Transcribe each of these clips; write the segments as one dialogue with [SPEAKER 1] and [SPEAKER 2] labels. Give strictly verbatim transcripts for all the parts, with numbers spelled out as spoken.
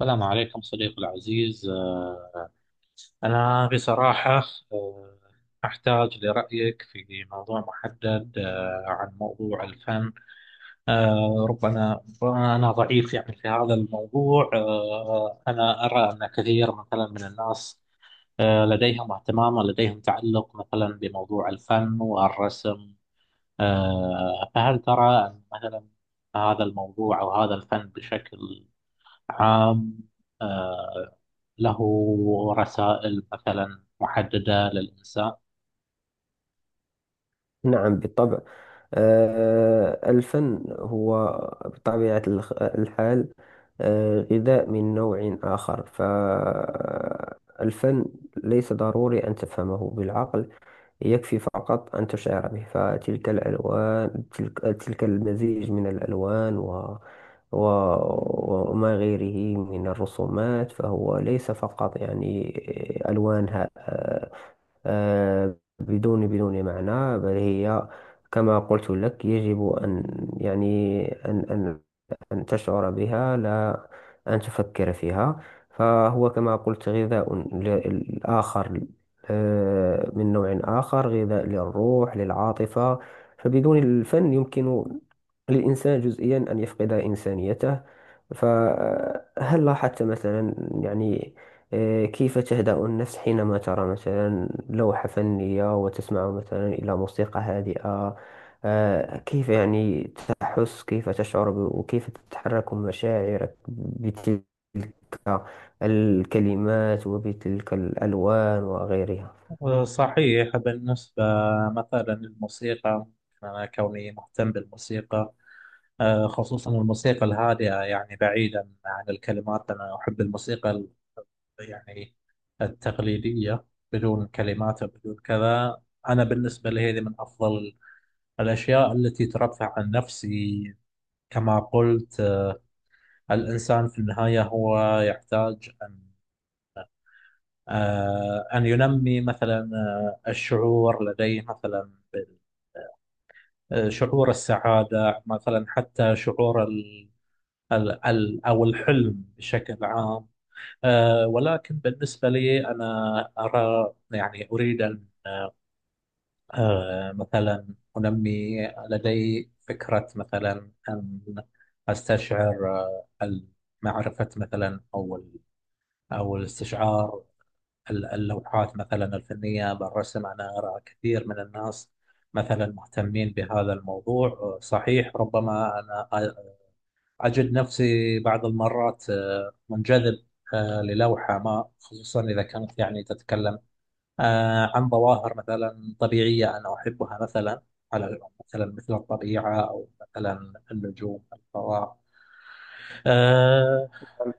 [SPEAKER 1] السلام عليكم صديقي العزيز، آه، أنا بصراحة آه، أحتاج لرأيك في موضوع محدد، آه، عن موضوع الفن. آه، ربما ربما أنا ضعيف يعني في هذا الموضوع. آه، أنا أرى أن كثير مثلا من الناس آه، لديهم اهتمام ولديهم تعلق مثلا بموضوع الفن والرسم. آه، فهل ترى أن مثلا هذا الموضوع أو هذا الفن بشكل عام، آه، له رسائل مثلا محددة للإنسان؟
[SPEAKER 2] نعم بالطبع. آه، الفن هو بطبيعة الخ- الحال، آه، غذاء من نوع آخر. فالفن ليس ضروري أن تفهمه بالعقل، يكفي فقط أن تشعر به. فتلك الألوان، تلك, تلك المزيج من الألوان و و- وما غيره من الرسومات، فهو ليس فقط يعني ألوانها آه، آه، بدون بدون معنى، بل هي كما قلت لك يجب أن يعني أن أن أن تشعر بها، لا أن تفكر فيها. فهو كما قلت غذاء ل- آخر، آه، من نوع آخر، غذاء للروح، للعاطفة. فبدون الفن يمكن للإنسان جزئيا أن يفقد إنسانيته. فهل لاحظت مثلا يعني، آه، كيف تهدأ النفس حينما ترى مثلا لوحة فنية، وتسمع مثلا إلى موسيقى هادئة؟ آه، كيف يعني تحس، كيف تشعر ب- وكيف تتحرك مشاعرك بتلك الكلمات وبتلك الألوان وغيرها.
[SPEAKER 1] صحيح. بالنسبة مثلا للموسيقى، أنا كوني مهتم بالموسيقى، آه، خصوصا الموسيقى الهادئة، يعني بعيدا عن الكلمات، أنا أحب الموسيقى ال- يعني التقليدية، بدون كلمات وبدون كذا. أنا بالنسبة لي هذه من أفضل الأشياء التي ترفع عن نفسي. كما قلت، الإنسان في النهاية هو يحتاج أن آه، أن ينمي مثلا آه، الشعور لديه مثلا بال- آه، شعور السعادة مثلا، حتى شعور ال ال ال أو الحلم بشكل عام. آه، ولكن بالنسبة لي، أنا أرى يعني أريد أن آه، مثلا أنمي. لدي فكرة مثلا أن أستشعر آه، ال- معرفة مثلا أو ال- أو الاستشعار ال- اللوحات مثلا الفنية بالرسم. أنا أرى كثير من الناس مثلا مهتمين بهذا الموضوع. صحيح، ربما أنا أجد نفسي بعض المرات آه، منجذب آه، للوحة ما، خصوصا إذا كانت يعني تتكلم آه، عن ظواهر مثلا طبيعية أنا أحبها، مثلا على مثلا مثل الطبيعة، أو مثلا النجوم، الفضاء. آه،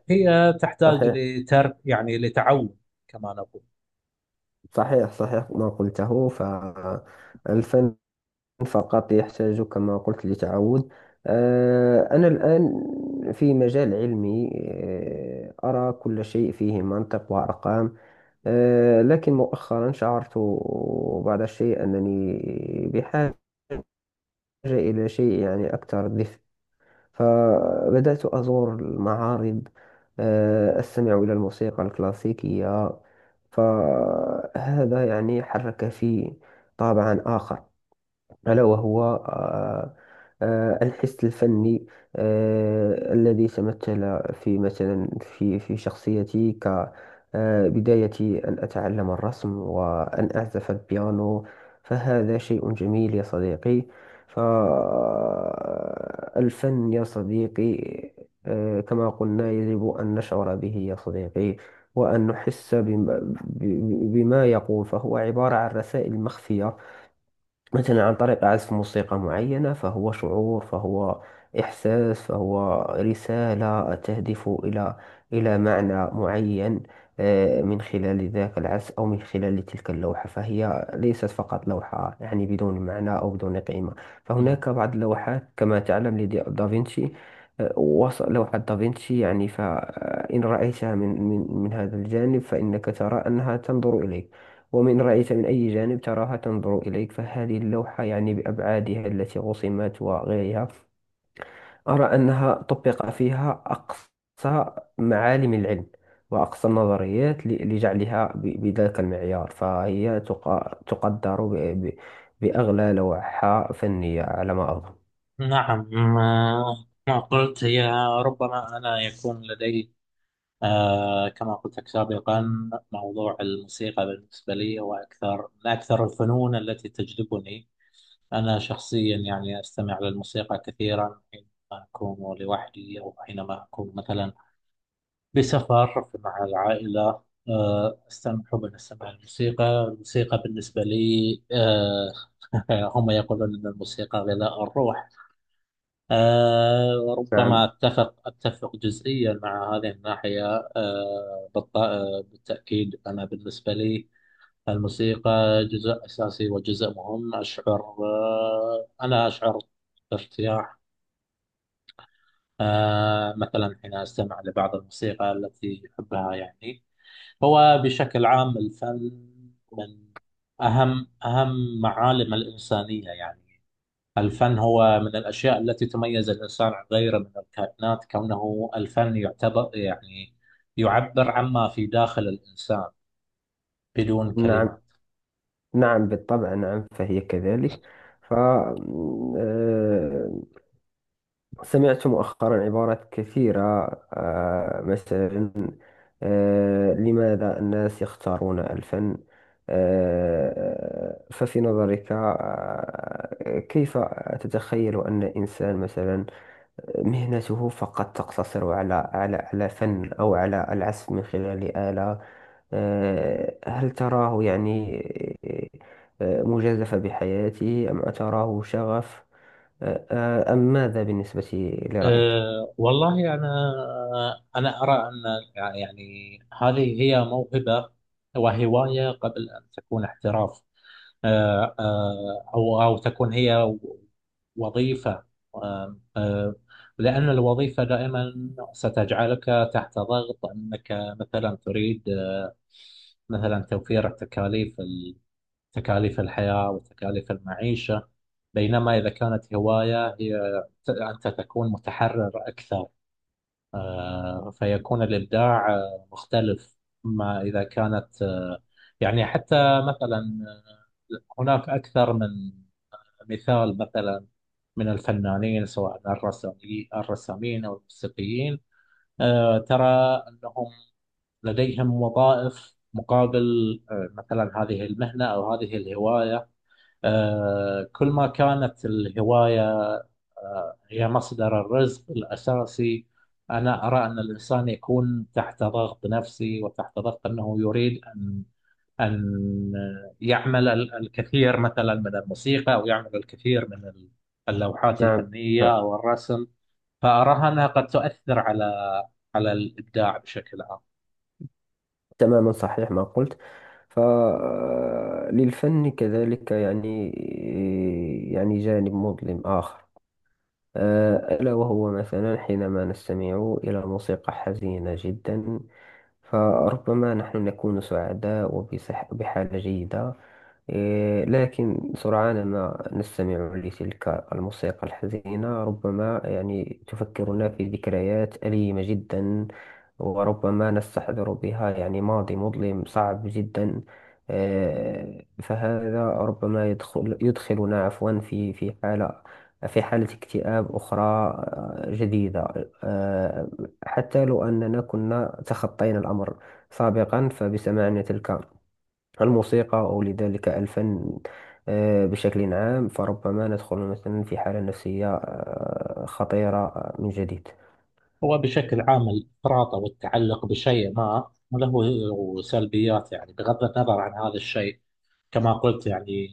[SPEAKER 1] هي تحتاج
[SPEAKER 2] صحيح.
[SPEAKER 1] لترك يعني لتعود، كما نقول.
[SPEAKER 2] صحيح. صحيح ما قلته. فالفن فقط يحتاج كما قلت لتعود. آه، أنا الآن في مجال علمي، آه، أرى كل شيء فيه منطق وأرقام. آه، لكن مؤخرا شعرت بعض الشيء أنني بحاجة إلى شيء يعني أكثر دفء. فبدأت أزور المعارض، آه، أستمع إلى الموسيقى الكلاسيكية. فهذا يعني حرك في طابعا آخر، ألا وهو آه، آه، الحس الفني آه، الذي تمثل في مثلا في في شخصيتي، كبدايتي أن أتعلم الرسم وأن أعزف البيانو. فهذا شيء جميل يا صديقي. فالفن يا صديقي، آه، كما قلنا يجب أن نشعر به يا صديقي، وأن نحس بما, بما يقول. فهو عبارة عن رسائل مخفية، مثلا عن طريق عزف موسيقى معينة. فهو شعور، فهو إحساس، فهو رسالة تهدف إلى إلى معنى معين، آه، من خلال ذاك العزف أو من خلال تلك اللوحة. فهي ليست فقط لوحة يعني بدون معنى أو بدون قيمة. فهناك بعض اللوحات كما تعلم لدافنشي. وصل لوحة دافنشي يعني، فإن رأيتها من من من هذا الجانب فإنك ترى أنها تنظر إليك، ومن رأيت من أي جانب تراها تنظر إليك. فهذه اللوحة يعني بأبعادها التي رسمت وغيرها، أرى أنها طبق فيها أقصى معالم العلم وأقصى النظريات ل- لجعلها ب- بذاك المعيار. فهي تق- تقدر ب- ب- بأغلى لوحة فنية على ما أظن.
[SPEAKER 1] نعم، ما ما قلت هي ربما. أنا يكون لدي، آه كما قلت لك سابقا، موضوع الموسيقى بالنسبة لي هو أكثر من أكثر الفنون التي تجذبني. أنا شخصيا يعني أستمع للموسيقى كثيرا حينما أكون لوحدي، أو حينما أكون مثلا بسفر مع العائلة. آه أستمع حبا أستمع للموسيقى. الموسيقى بالنسبة لي آه هم يقولون أن الموسيقى غذاء الروح. آه وربما
[SPEAKER 2] نعم.
[SPEAKER 1] أتفق أتفق جزئيا مع هذه الناحية. آه بالط- آه، بالتأكيد أنا بالنسبة لي الموسيقى جزء أساسي وجزء مهم. أشعر آه أنا أشعر بارتياح آه مثلا حين أستمع لبعض الموسيقى التي أحبها. يعني هو بشكل عام الفن من أهم أهم معالم الإنسانية. يعني الفن هو من الأشياء التي تميز الإنسان عن غيره من الكائنات، كونه الفن يعتبر يعني يعبر عما في داخل الإنسان بدون كلمات.
[SPEAKER 2] نعم. نعم بالطبع، نعم، فهي كذلك. ف آه، سمعت مؤخرا عبارات كثيرة، آه، مثلا آه، لماذا الناس يختارون الفن؟ آه، ففي نظرك، آه، كيف تتخيل أن إنسان مثلا مهنته فقط تقتصر على على على فن أو على العزف من خلال آلة؟ آه، هل تراه يعني آه، مجازفة بحياته، أم تراه شغف؟ آه، أم ماذا بالنسبة لرأيك؟
[SPEAKER 1] أه والله أنا، أنا أرى أن يعني هذه هي موهبة وهواية قبل أن تكون احتراف، أه أه أو أو تكون هي وظيفة. أه أه لأن الوظيفة دائما ستجعلك تحت ضغط أنك مثلا تريد مثلا توفير التكاليف، تكاليف الحياة وتكاليف المعيشة. بينما إذا كانت هواية، هي ت- أنت تكون متحرر أكثر، آه، فيكون الإبداع آه، مختلف ما إذا كانت آه، يعني. حتى مثلا آه، هناك أكثر من مثال مثلا من الفنانين، سواء الرسامي- الرسامين أو الموسيقيين، آه، ترى أنهم لديهم وظائف مقابل آه، مثلا هذه المهنة أو هذه الهواية. آه، كل ما كانت الهواية هي مصدر الرزق الأساسي، أنا أرى أن الإنسان يكون تحت ضغط نفسي وتحت ضغط أنه يريد أن أن يعمل ال- الكثير مثلا من الموسيقى، أو يعمل الكثير من ال- اللوحات
[SPEAKER 2] نعم.
[SPEAKER 1] الفنية
[SPEAKER 2] نعم.
[SPEAKER 1] أو الرسم. فأراها أنها قد تؤثر على على الإبداع بشكل عام.
[SPEAKER 2] تماما، صحيح ما قلت. فللفن كذلك يعني يعني جانب مظلم آخر، أه، ألا وهو مثلا حينما نستمع إلى موسيقى حزينة جدا. فربما نحن نكون سعداء وبصح بحالة جيدة، إيه، لكن سرعان ما نستمع لتلك الموسيقى الحزينة، ربما يعني تفكرنا في ذكريات أليمة جدا، وربما نستحضر بها يعني ماضي مظلم صعب جدا. آه، فهذا ربما يدخل يدخلنا عفوا في في حالة، في حالة اكتئاب أخرى آه، جديدة، آه، حتى لو أننا كنا تخطينا الأمر سابقا. فبسماعنا تلك الموسيقى أو لذلك الفن آه، بشكل عام، فربما ندخل مثلا في حالة نفسية آه، خطيرة آه، من جديد.
[SPEAKER 1] هو بشكل عام الإفراط أو التعلق بشيء ما له سلبيات، يعني بغض النظر عن هذا الشيء. كما قلت يعني،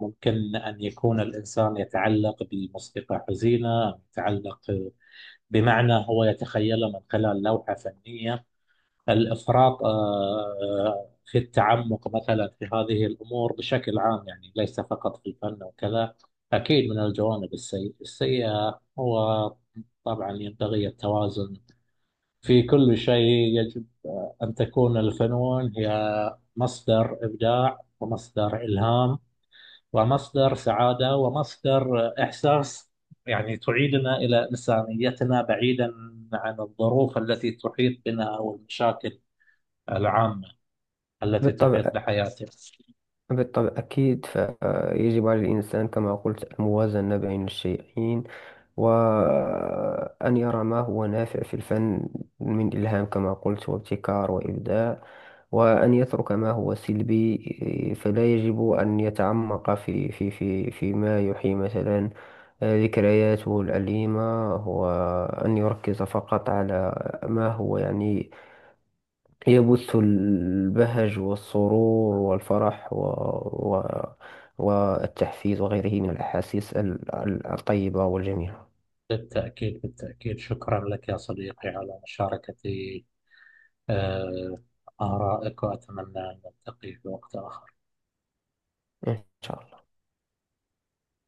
[SPEAKER 1] ممكن أن يكون الإنسان يتعلق بموسيقى حزينة، أو يتعلق بمعنى هو يتخيله من خلال لوحة فنية. الإفراط آه، في التعمق مثلا في هذه الأمور بشكل عام، يعني ليس فقط في الفن وكذا، أكيد من الجوانب السيئة السيئة هو. طبعا ينبغي التوازن في كل شيء. يجب أن تكون الفنون هي مصدر إبداع، ومصدر إلهام، ومصدر سعادة، ومصدر إحساس، يعني تعيدنا إلى إنسانيتنا بعيدا عن الظروف التي تحيط بنا أو المشاكل العامة التي
[SPEAKER 2] بالطبع.
[SPEAKER 1] تحيط بحياتنا.
[SPEAKER 2] بالطبع، أكيد. فيجب على الإنسان كما قلت الموازنة بين الشيئين، وأن يرى ما هو نافع في الفن من إلهام كما قلت وابتكار وإبداع، وأن يترك ما هو سلبي. إيه، فلا يجب أن يتعمق في في في فيما يحيي مثلا آه، ذكرياته الأليمة، وأن يركز فقط على ما هو يعني يبث البهج والسرور والفرح و و والتحفيز وغيره من الأحاسيس ال- ال- الطيبة والجميلة.
[SPEAKER 1] بالتأكيد بالتأكيد، شكرا لك يا صديقي على مشاركة آه، آرائك، وأتمنى أن نلتقي في وقت آخر.
[SPEAKER 2] إن شاء الله.